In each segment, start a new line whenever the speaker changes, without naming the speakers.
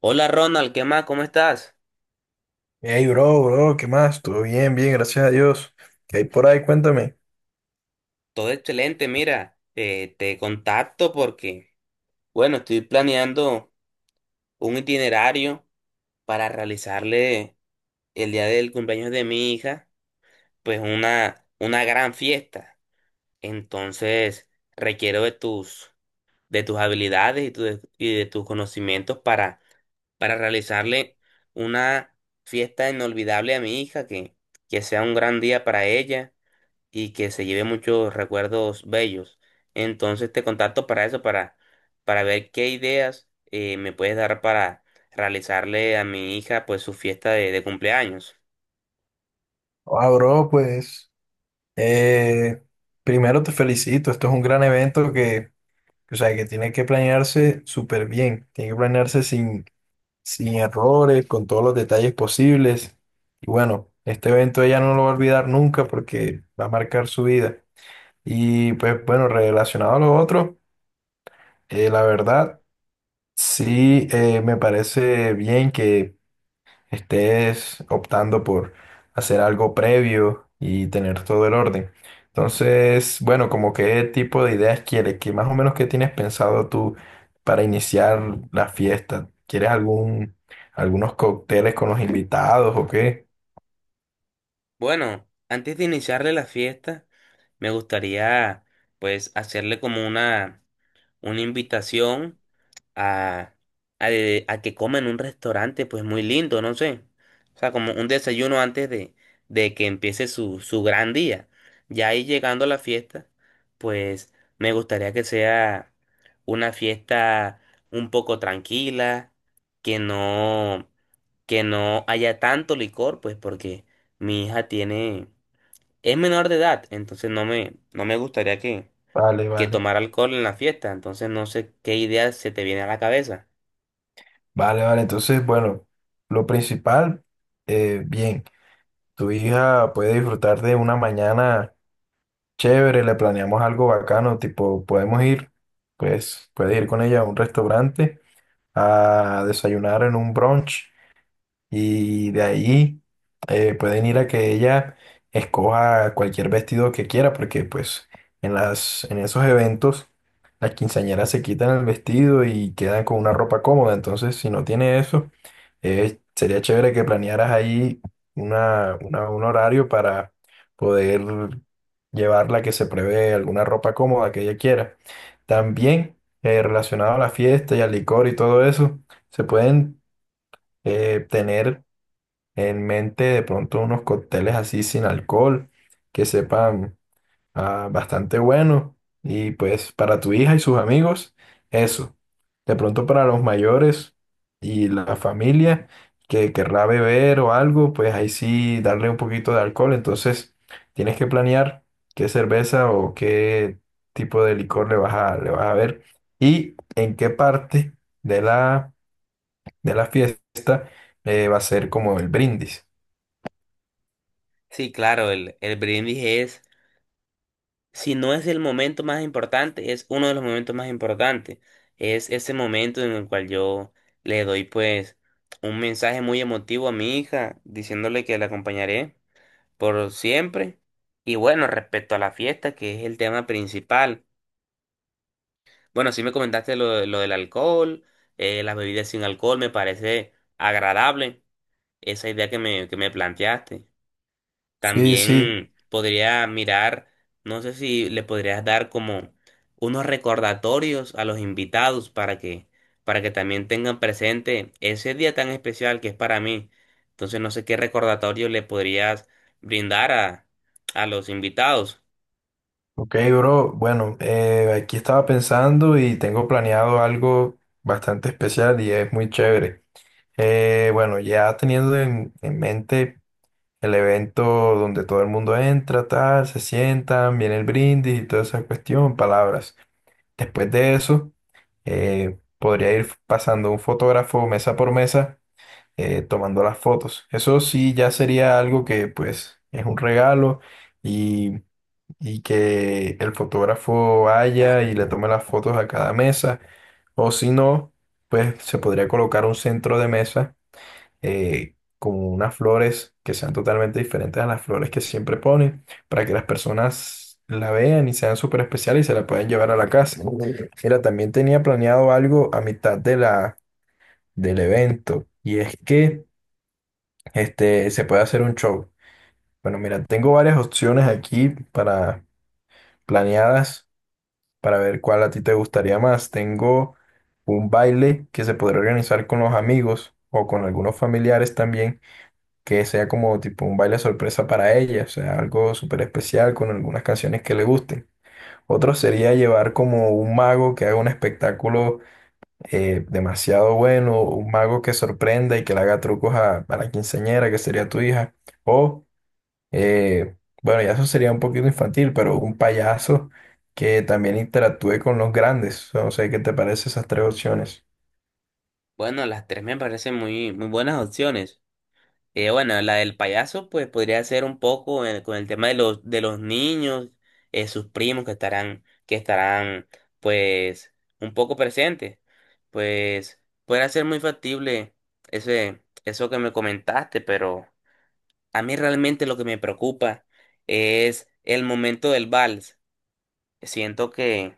Hola Ronald, ¿qué más? ¿Cómo estás?
Hey, bro, ¿qué más? Todo bien, gracias a Dios. ¿Qué hay por ahí? Cuéntame.
Todo excelente, mira, te contacto porque, bueno, estoy planeando un itinerario para realizarle el día del cumpleaños de mi hija, pues una gran fiesta. Entonces, requiero de tus habilidades y, y de tus conocimientos para realizarle una fiesta inolvidable a mi hija, que sea un gran día para ella y que se lleve muchos recuerdos bellos. Entonces te contacto para eso, para ver qué ideas me puedes dar para realizarle a mi hija pues su fiesta de cumpleaños.
Ah, bro, pues, eh, primero te felicito. Esto es un gran evento que, o sea, que tiene que planearse súper bien. Tiene que planearse sin errores, con todos los detalles posibles. Y bueno, este evento ella no lo va a olvidar nunca porque va a marcar su vida. Y pues, bueno, relacionado a lo otro, la verdad, sí, me parece bien que estés optando por hacer algo previo y tener todo el orden. Entonces, bueno, como qué tipo de ideas quieres, que más o menos qué tienes pensado tú para iniciar la fiesta. ¿Quieres algunos cócteles con los invitados o qué?
Bueno, antes de iniciarle la fiesta, me gustaría pues hacerle como una invitación a, a que coma en un restaurante, pues muy lindo, no sé. O sea, como un desayuno antes de que empiece su gran día. Ya ahí llegando a la fiesta, pues me gustaría que sea una fiesta un poco tranquila, que no, que no haya tanto licor, pues porque mi hija tiene, es menor de edad, entonces no me gustaría
Vale,
que
vale.
tomara alcohol en la fiesta, entonces no sé qué idea se te viene a la cabeza.
Vale, vale. Entonces, bueno, lo principal, bien, tu hija puede disfrutar de una mañana. Chévere, le planeamos algo bacano, tipo, podemos ir, pues, puedes ir con ella a un restaurante a desayunar en un brunch y de ahí pueden ir a que ella escoja cualquier vestido que quiera, porque pues en en esos eventos las quinceañeras se quitan el vestido y quedan con una ropa cómoda. Entonces, si no tiene eso, sería chévere que planearas ahí un horario para poder llevarla que se prevé alguna ropa cómoda que ella quiera. También relacionado a la fiesta y al licor y todo eso, se pueden tener en mente de pronto unos cócteles así sin alcohol que sepan bastante bueno y pues para tu hija y sus amigos eso. De pronto para los mayores y la familia que querrá beber o algo, pues ahí sí darle un poquito de alcohol. Entonces tienes que planear qué cerveza o qué tipo de licor le vas a ver y en qué parte de la, de la fiesta va a ser como el brindis.
Sí, claro, el brindis es, si no es el momento más importante, es uno de los momentos más importantes. Es ese momento en el cual yo le doy pues un mensaje muy emotivo a mi hija, diciéndole que la acompañaré por siempre. Y bueno, respecto a la fiesta, que es el tema principal. Bueno, sí me comentaste lo del alcohol, las bebidas sin alcohol, me parece agradable esa idea que me planteaste.
Sí, sí.
También podría mirar, no sé si le podrías dar como unos recordatorios a los invitados para que también tengan presente ese día tan especial que es para mí. Entonces no sé qué recordatorio le podrías brindar a los invitados.
Ok, bro. Bueno, aquí estaba pensando y tengo planeado algo bastante especial y es muy chévere. Bueno, ya teniendo en mente el evento donde todo el mundo entra, tal, se sientan, viene el brindis y toda esa cuestión, palabras. Después de eso, podría ir pasando un fotógrafo mesa por mesa, tomando las fotos. Eso sí, ya sería algo que pues es un regalo. Y que el fotógrafo vaya y le tome las fotos a cada mesa. O si no, pues se podría colocar un centro de mesa con unas flores que sean totalmente diferentes a las flores que siempre ponen para que las personas la vean y sean súper especiales y se la puedan llevar a la casa. Mira, también tenía planeado algo a mitad de del evento y es que este, se puede hacer un show. Bueno, mira, tengo varias opciones aquí para planeadas. Para ver cuál a ti te gustaría más. Tengo un baile que se podría organizar con los amigos o con algunos familiares también, que sea como tipo un baile sorpresa para ella, o sea, algo súper especial con algunas canciones que le gusten. Otro sería llevar como un mago que haga un espectáculo demasiado bueno, un mago que sorprenda y que le haga trucos a la quinceañera, que sería tu hija. O eh, bueno, ya eso sería un poquito infantil, pero un payaso que también interactúe con los grandes. No sé qué te parece esas tres opciones.
Bueno, las tres me parecen muy buenas opciones. Bueno, la del payaso, pues podría ser un poco con el tema de de los niños, sus primos que estarán, pues, un poco presentes. Pues, podría ser muy factible eso que me comentaste, pero a mí realmente lo que me preocupa es el momento del vals. Siento que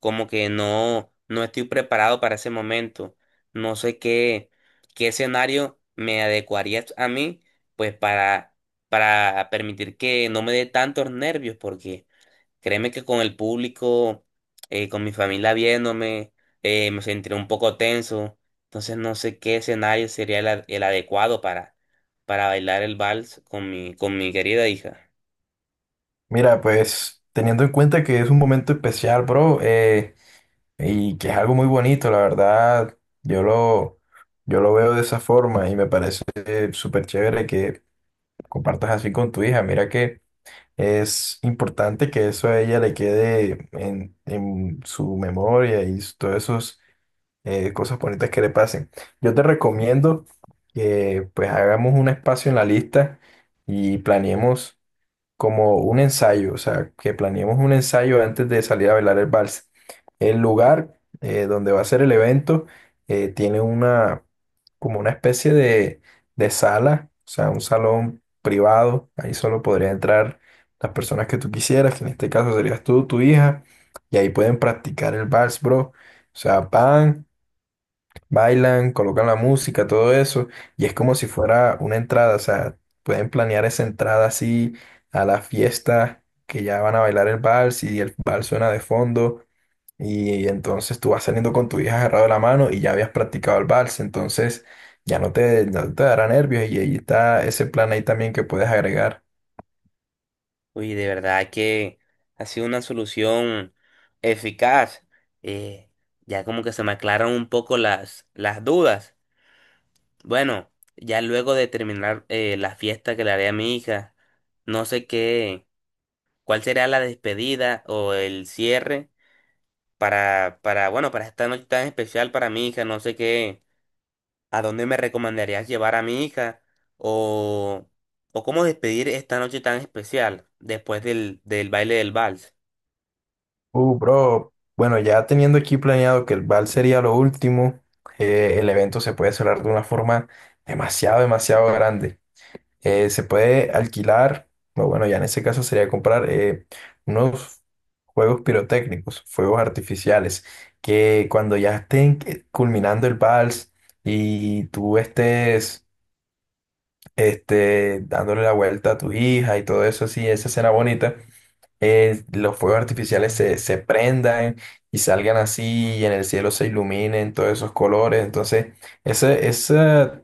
como que no, no estoy preparado para ese momento. No sé qué escenario me adecuaría a mí, pues para permitir que no me dé tantos nervios, porque créeme que con el público, con mi familia viéndome, me sentiré un poco tenso. Entonces no sé qué escenario sería el adecuado para bailar el vals con con mi querida hija.
Mira, pues teniendo en cuenta que es un momento especial, bro, y que es algo muy bonito, la verdad, yo lo, yo lo veo de esa forma y me parece súper chévere que compartas así con tu hija. Mira que es importante que eso a ella le quede en su memoria y s- todos esos cosas bonitas que le pasen. Yo te recomiendo que pues hagamos un espacio en la lista y planeemos como un ensayo, o sea, que planeemos un ensayo antes de salir a bailar el vals. El lugar donde va a ser el evento tiene una como una especie de sala, o sea, un salón privado. Ahí solo podrían entrar las personas que tú quisieras, que en este caso serías tú, tu hija, y ahí pueden practicar el vals, bro. O sea, van bailan, colocan la música, todo eso, y es como si fuera una entrada, o sea, pueden planear esa entrada así a la fiesta que ya van a bailar el vals y el vals suena de fondo, y, entonces tú vas saliendo con tu hija agarrado de la mano y ya habías practicado el vals, entonces ya no no te dará nervios y ahí está ese plan ahí también que puedes agregar.
Uy, de verdad que ha sido una solución eficaz. Eh, ya como que se me aclaran un poco las dudas. Bueno, ya luego de terminar la fiesta que le haré a mi hija, no sé qué, cuál será la despedida o el cierre bueno, para esta noche tan especial para mi hija, no sé qué, a dónde me recomendarías llevar a mi hija o, o cómo despedir esta noche tan especial después del baile del vals.
Bro, bueno, ya teniendo aquí planeado que el vals sería lo último, el evento se puede cerrar de una forma demasiado grande. Eh, se puede alquilar, o bueno, ya en ese caso sería comprar unos juegos pirotécnicos, fuegos artificiales, que cuando ya estén que- culminando el vals y tú estés este, dándole la vuelta a tu hija y todo eso así, esa escena bonita, los fuegos artificiales se prendan y salgan así y en el cielo se iluminen todos esos colores. Entonces, ese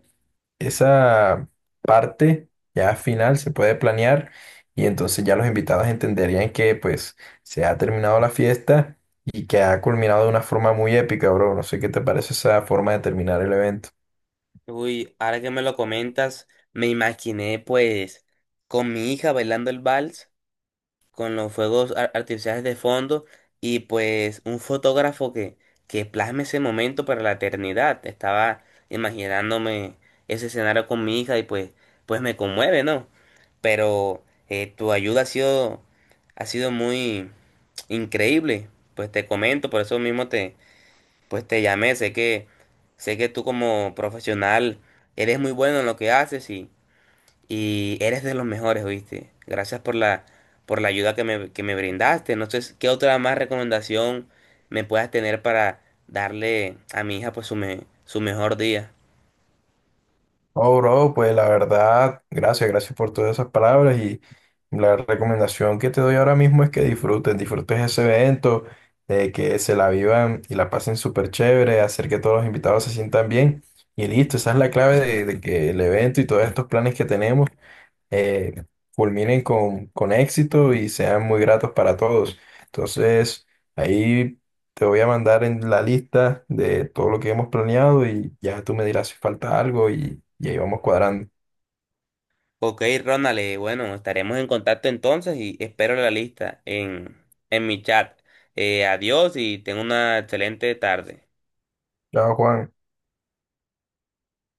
esa parte ya final se puede planear y entonces ya los invitados entenderían que pues se ha terminado la fiesta y que ha culminado de una forma muy épica, bro. No sé qué te parece esa forma de terminar el evento.
Uy, ahora que me lo comentas, me imaginé pues con mi hija bailando el vals, con los fuegos artificiales de fondo y pues un fotógrafo que plasme ese momento para la eternidad. Estaba imaginándome ese escenario con mi hija y pues, pues me conmueve, ¿no? Pero tu ayuda ha sido muy increíble, pues te comento, por eso mismo pues te llamé, sé que tú como profesional eres muy bueno en lo que haces y eres de los mejores, ¿viste? Gracias por por la ayuda que me brindaste. No sé qué otra más recomendación me puedas tener para darle a mi hija pues su mejor día.
Oh, bro, pues la verdad, gracias por todas esas palabras. La recomendación que te doy ahora mismo es que disfrutes ese evento, que se la vivan y la pasen súper chévere, hacer que todos los invitados se sientan bien y listo, esa es la clave de que el evento y todos estos planes que tenemos eh, culminen con éxito y sean muy gratos para todos. Entonces, ahí te voy a mandar en la lista de todo lo que hemos planeado y ya tú me dirás si falta algo y ahí vamos cuadrando.
Ok, Ronald, bueno, estaremos en contacto entonces y espero la lista en mi chat. Adiós y ten una excelente tarde.
Chao, Juan.